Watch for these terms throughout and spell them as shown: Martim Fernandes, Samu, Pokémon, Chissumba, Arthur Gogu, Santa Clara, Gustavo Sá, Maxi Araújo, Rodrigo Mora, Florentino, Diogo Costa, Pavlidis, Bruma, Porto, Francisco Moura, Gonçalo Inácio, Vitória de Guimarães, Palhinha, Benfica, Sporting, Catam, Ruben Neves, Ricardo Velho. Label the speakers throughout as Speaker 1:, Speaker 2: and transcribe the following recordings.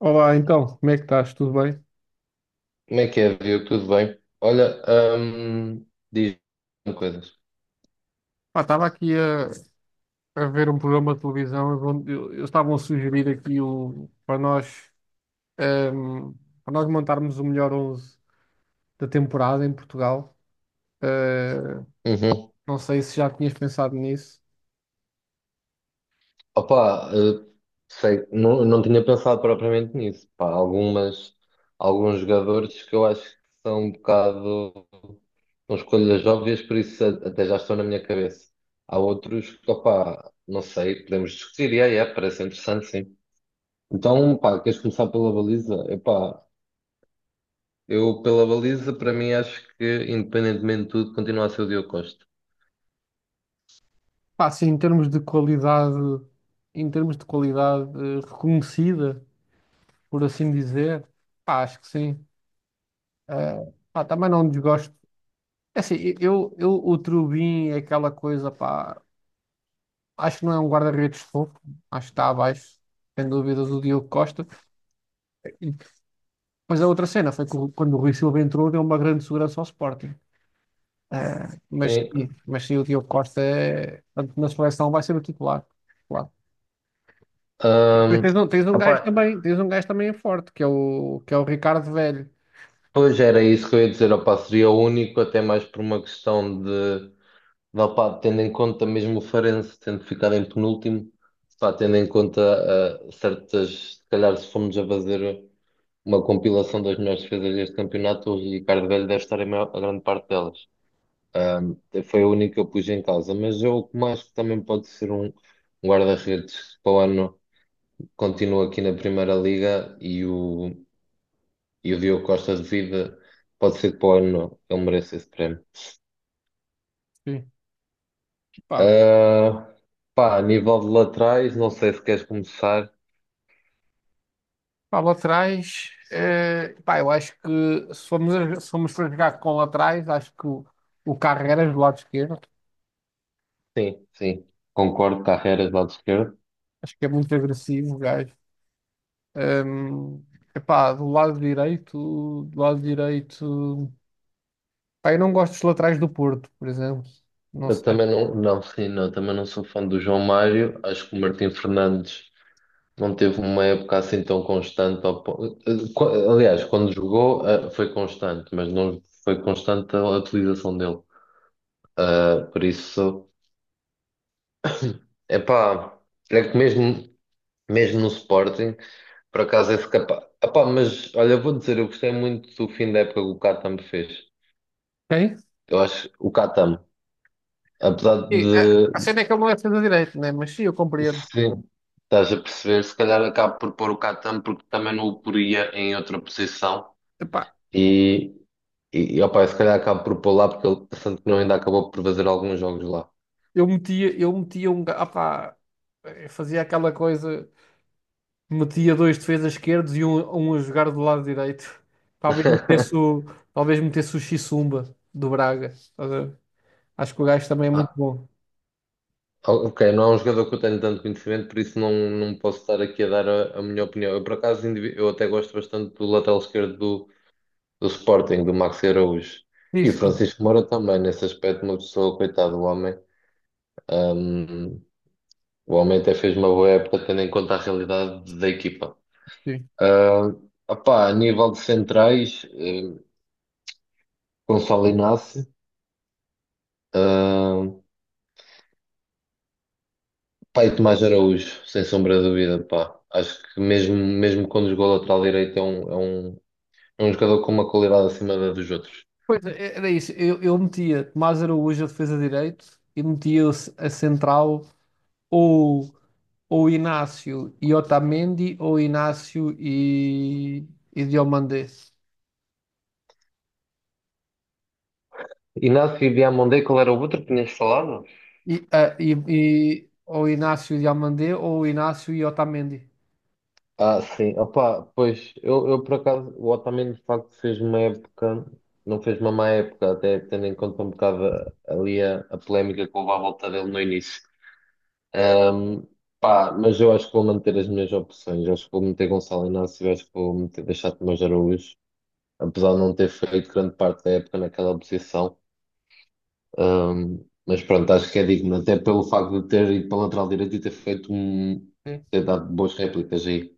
Speaker 1: Olá, então, como é que estás? Tudo bem?
Speaker 2: Como é que é, viu? Tudo bem? Olha, hum, diz coisas.
Speaker 1: Pá, estava aqui a ver um programa de televisão onde eles estavam a sugerir ehm, para nós montarmos o melhor 11 da temporada em Portugal. Eh,
Speaker 2: Uhum.
Speaker 1: não sei se já tinhas pensado nisso.
Speaker 2: Opa, sei, não tinha pensado propriamente nisso. Pá, alguns jogadores que eu acho que são um bocado são escolhas óbvias, por isso até já estão na minha cabeça. Há outros que, opá, não sei, podemos discutir. E aí, é, parece interessante, sim. Então, pá, queres começar pela baliza? Epá, eu pela baliza, para mim, acho que, independentemente de tudo, continua a ser o Diogo Costa.
Speaker 1: Pá, sim, em termos de qualidade, em termos de qualidade reconhecida, por assim dizer, pá, acho que sim. Pá, também não desgosto. É assim, eu, o Trubin é aquela coisa, pá. Acho que não é um guarda-redes fofo, acho que está abaixo, sem dúvidas, o Diogo Costa. E- Mas a outra cena foi que quando o Rui Silva entrou, deu uma grande segurança ao Sporting.
Speaker 2: Sim.
Speaker 1: Mas sim, o Diogo Costa é, tanto na seleção vai ser o titular. Claro. Depois
Speaker 2: Ahm,
Speaker 1: tens um
Speaker 2: opá,
Speaker 1: gajo também, tens um gajo também forte, que é o Ricardo Velho.
Speaker 2: pois era isso que eu ia dizer, opá, seria o único, até mais por uma questão de, opá, tendo em conta mesmo o Farense tendo ficado em penúltimo, pá, tendo em conta certas, se calhar se formos a fazer uma compilação das melhores defesas deste campeonato, o Ricardo Velho deve estar em a grande parte delas. Ahm, Foi a única que eu pus em causa, mas eu como acho que também pode ser um guarda-redes que para o ano continua aqui na Primeira Liga e o Diogo Costa de vida, pode ser que para o ano ele mereça esse prémio.
Speaker 1: Sim. Pá,
Speaker 2: Ah, pá, a nível de laterais, não sei se queres começar.
Speaker 1: pá, laterais, pá, eu acho que se formos, se formos para jogar com laterais, o Carreras do lado esquerdo,
Speaker 2: Sim, sim, concordo, Carreiras, lado esquerdo.
Speaker 1: acho que é muito agressivo, o gajo. Ahm, Epá, do lado direito, do lado direito. Pá, eu não gosto dos laterais do Porto, por exemplo. Não
Speaker 2: Eu
Speaker 1: sei.
Speaker 2: também não, não, sim, não, também não sou fã do João Mário. Acho que o Martim Fernandes não teve uma época assim tão constante. Ao po- eh, qu- Aliás, quando jogou, foi constante, mas não foi constante a utilização dele. Por isso, é pá, é que mesmo no Sporting, por acaso esse capaz. Epá, mas olha, vou dizer, eu gostei muito do fim da época que o Catam fez.
Speaker 1: Quem?
Speaker 2: Eu acho o Catam, apesar de
Speaker 1: A cena é que ele não é defesa direito, né? Mas sim, eu compreendo.
Speaker 2: se estás a perceber, se calhar acabo por pôr o Catam porque também não o poria em outra posição
Speaker 1: Epá,
Speaker 2: e, e opa, se calhar acabo por pôr lá porque ele, tanto que não ainda acabou por fazer alguns jogos lá.
Speaker 1: eu metia um. Pá, eu fazia aquela coisa, metia dois defesas esquerdos e um a jogar do lado direito. Talvez metesse o, talvez metesse o Chissumba do Braga. Estás a ver? Acho que o gajo também é muito bom.
Speaker 2: Ok, não é um jogador que eu tenho tanto conhecimento, por isso não posso estar aqui a dar a minha opinião. Eu, por acaso, eu até gosto bastante do lateral esquerdo do Sporting, do Maxi Araújo. E
Speaker 1: Isso. Sim.
Speaker 2: Francisco Moura também, nesse aspecto, uma pessoa, coitado do homem. Ahm, o homem até fez uma boa época, tendo em conta a realidade da equipa.
Speaker 1: Sim.
Speaker 2: Ah, opá, a nível de centrais, Gonçalo Inácio, ah, pá, e Tomás Araújo, sem sombra de dúvida, pá. Acho que mesmo, mesmo quando jogou lateral direito é um jogador com uma qualidade acima da dos outros.
Speaker 1: Pois é, era isso. Eu metia Tomás Araújo a defesa de direito e metia a central ou, ou Inácio e Otamendi ou e Diomandé.
Speaker 2: Inácio Diamandé, qual era o outro que tinhas falado?
Speaker 1: Ou Inácio e Diomandé ou Inácio e Otamendi.
Speaker 2: Sim. Opa, pois, eu por acaso, o Otamendi de facto fez uma época, não fez uma má época, até tendo em conta um bocado ali a polémica que houve à volta dele no início. Ahm, pá, mas eu acho que vou manter as minhas opções. Acho que vou meter Gonçalo Inácio, acho que vou meter, deixar Tomás Araújo, apesar de não ter feito grande parte da época naquela posição. Mas pronto, acho que é digno, até pelo facto de ter ido para a lateral direita e
Speaker 1: Sim.
Speaker 2: ter dado boas réplicas aí.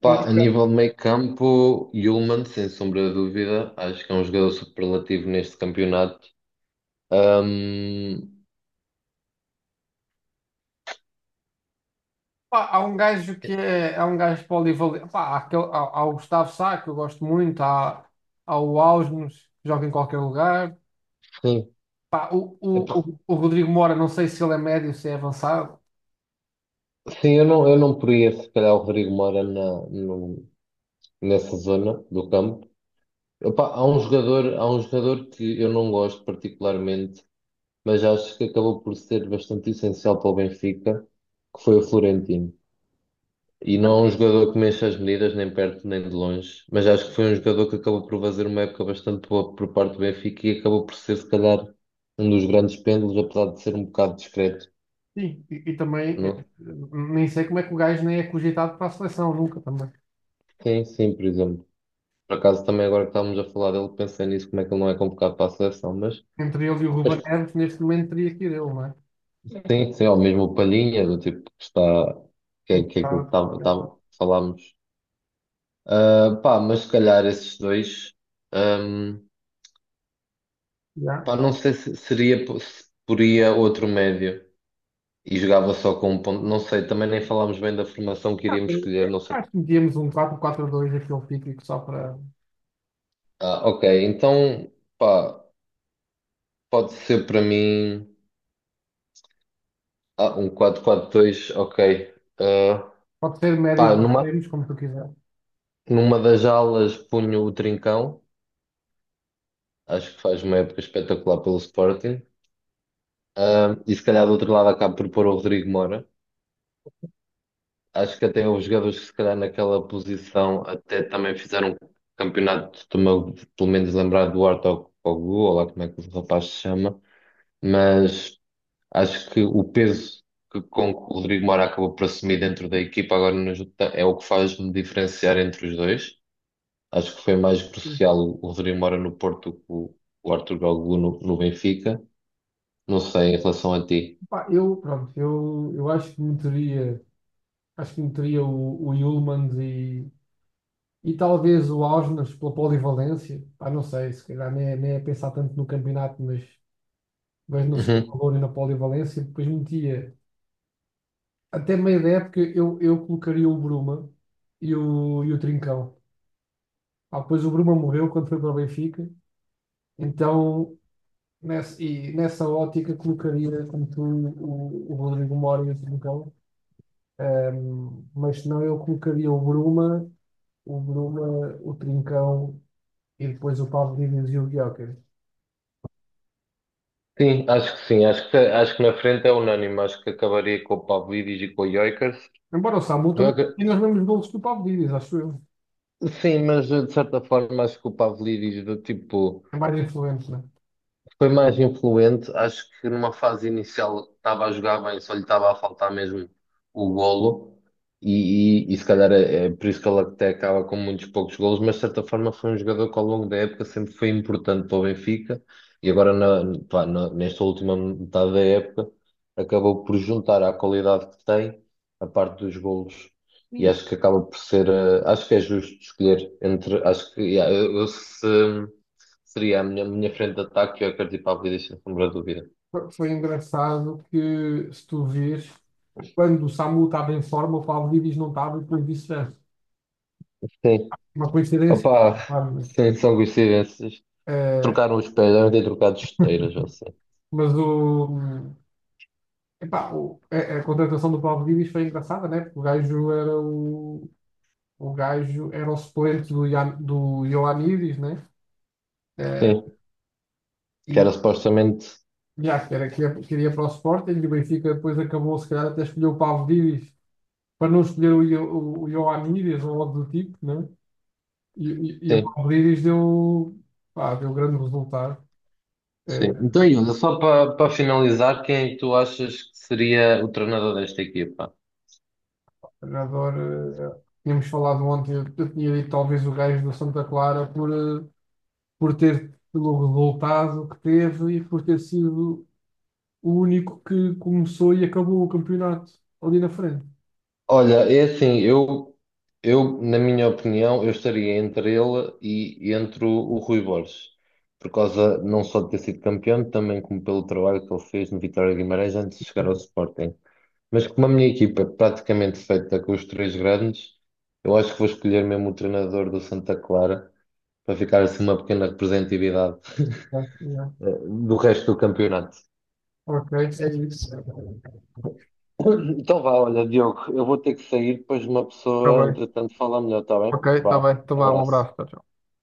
Speaker 2: Pá,
Speaker 1: Muito
Speaker 2: a
Speaker 1: bem.
Speaker 2: nível de meio campo, Yulman, sem sombra de dúvida, acho que é um jogador superlativo neste campeonato. Um,
Speaker 1: Pá, há um gajo polivalente. Pá, há o Gustavo Sá, que eu gosto muito, há o Ausnos, que joga em qualquer lugar.
Speaker 2: sim.
Speaker 1: Pá,
Speaker 2: É por-
Speaker 1: o Rodrigo Mora, não sei se ele é médio, se é avançado.
Speaker 2: sim, eu não poria se calhar o Rodrigo Moura na, no- nessa zona do campo. Epá, há um jogador que eu não gosto particularmente, mas acho que acabou por ser bastante essencial para o Benfica, que foi o Florentino. E não é um jogador que mexa as medidas, nem perto nem de longe, mas acho que foi um jogador que acabou por fazer uma época bastante boa por parte do Benfica e acabou por ser, se calhar, um dos grandes pêndulos, apesar de ser um bocado discreto,
Speaker 1: Sim, e também
Speaker 2: não?
Speaker 1: nem sei como é que o gajo nem é cogitado para a seleção, nunca também.
Speaker 2: Sim, sim, por exemplo. Por acaso, também agora que estávamos a falar dele, pensei nisso, como é que ele não é convocado para a seleção, mas,
Speaker 1: Entre ele e o Ruben
Speaker 2: mas
Speaker 1: Neves, neste momento teria que ir ele, não é?
Speaker 2: sim, sim, ao mesmo o Palhinha, do tipo que está,
Speaker 1: Um
Speaker 2: que é aquilo que
Speaker 1: bocado. Já.
Speaker 2: falámos. Pá, mas se calhar esses dois. ahm,
Speaker 1: Já.
Speaker 2: pá, não sei se seria se poria outro médio e jogava só com um ponto. Não sei, também nem falámos bem da formação que iríamos escolher, não sei.
Speaker 1: Acho que metíamos um 4-4-2 aquele típico só para.
Speaker 2: Ok, então, pá, pode ser para mim um 4-4-2 ok. Ah,
Speaker 1: Pode ser
Speaker 2: pá,
Speaker 1: médios ou
Speaker 2: numa,
Speaker 1: extremos, como tu quiser.
Speaker 2: numa das alas punho o Trincão, acho que faz uma época espetacular pelo Sporting. E se calhar do outro lado acabo por pôr o Rodrigo Mora. Acho que até os jogadores que se calhar naquela posição até também fizeram um campeonato, pelo menos lembrar do Arthur Kogu, ou lá como é que o rapaz se chama, mas acho que o peso que, com que o Rodrigo Moura acabou por assumir dentro da equipa agora no Jota é o que faz-me diferenciar entre os dois. Acho que foi mais crucial o Rodrigo Moura no Porto que o Arthur Gogu no Benfica. Não sei, em relação a ti.
Speaker 1: Pá, eu, pronto, eu acho que meteria o Hjulmand e talvez o Augsburg pela polivalência, pá, não sei, se calhar nem é pensar tanto no campeonato, mas no seu valor e na polivalência, depois metia até meio da época eu colocaria o Bruma e o Trincão. Ah, depois o Bruma morreu quando foi para o Benfica, então nessa ótica colocaria como tu o Rodrigo Mora e o Trincão. Mas senão eu colocaria o Bruma, o Bruma, o Trincão e depois o Paulo Díaz e o Gyökeres.
Speaker 2: Sim, acho que sim. Acho que na frente é unânime. Acho que acabaria com o Pavlidis e com o Gyökeres.
Speaker 1: Embora o Samu também
Speaker 2: Joga-
Speaker 1: tenha os mesmos golos que o Pavlidis, acho eu.
Speaker 2: Sim, mas de certa forma acho que o Pavlidis do tipo.
Speaker 1: É mais influente, né?
Speaker 2: Foi mais influente, acho que numa fase inicial estava a jogar bem, só lhe estava a faltar mesmo o golo, e se calhar é por isso que ele até acaba com muitos poucos golos, mas de certa forma foi um jogador que ao longo da época sempre foi importante para o Benfica, e agora na, pá, nesta última metade da época acabou por juntar à qualidade que tem a parte dos golos,
Speaker 1: E
Speaker 2: e acho que acaba por ser, acho que é justo escolher entre, acho que, yeah. Eu se Seria a minha frente de ataque, eu acredito para a vida, sem sombra de dúvida.
Speaker 1: Foi engraçado que, se tu vês, quando o Samu estava em forma, o Pavlidis não estava e depois vice-versa.
Speaker 2: Sim,
Speaker 1: Uma coincidência,
Speaker 2: opá,
Speaker 1: claro, mas,
Speaker 2: sim, são coincidências.
Speaker 1: eh,
Speaker 2: Trocaram os pés, devem ter trocado esteiras, ou assim.
Speaker 1: mas o, epá, a contratação do Pavlidis foi engraçada, né? Porque o gajo era o suplente do, do Ioannidis, né? Eh,
Speaker 2: Sim, que
Speaker 1: e
Speaker 2: era supostamente.
Speaker 1: já, que era, que queria para o Sporting e o Benfica depois acabou, se calhar, até escolheu o Pavlidis para não escolher o Ioannidis ou algo do tipo, né? E, e o
Speaker 2: Sim,
Speaker 1: Palmeiras deu, pá, deu grande resultado. Eh,
Speaker 2: sim. Então, Yuna, só para finalizar, quem é que tu achas que seria o treinador desta equipa?
Speaker 1: Adoro. Tínhamos falado ontem, eu tinha dito talvez o gajo do Santa Clara por, por ter pelo resultado que teve e por ter sido o único que começou e acabou o campeonato ali na frente.
Speaker 2: Olha, é assim, eu, na minha opinião, eu estaria entre ele e entre o Rui Borges, por causa não só de ter sido campeão, também como pelo trabalho que ele fez no Vitória de Guimarães antes de chegar ao Sporting. Mas como a minha equipa é praticamente feita com os três grandes, eu acho que vou escolher mesmo o treinador do Santa Clara para ficar assim uma pequena representatividade
Speaker 1: Tá, yeah.
Speaker 2: eh, do resto do campeonato.
Speaker 1: Ok, é isso. Está
Speaker 2: Então vá, olha, Diogo, eu vou ter que sair, depois uma pessoa,
Speaker 1: bem.
Speaker 2: entretanto, fala melhor, está bem?
Speaker 1: Ok, está
Speaker 2: Vá,
Speaker 1: bem. Então vá, um
Speaker 2: abraço.
Speaker 1: abraço. Tchau, tchau.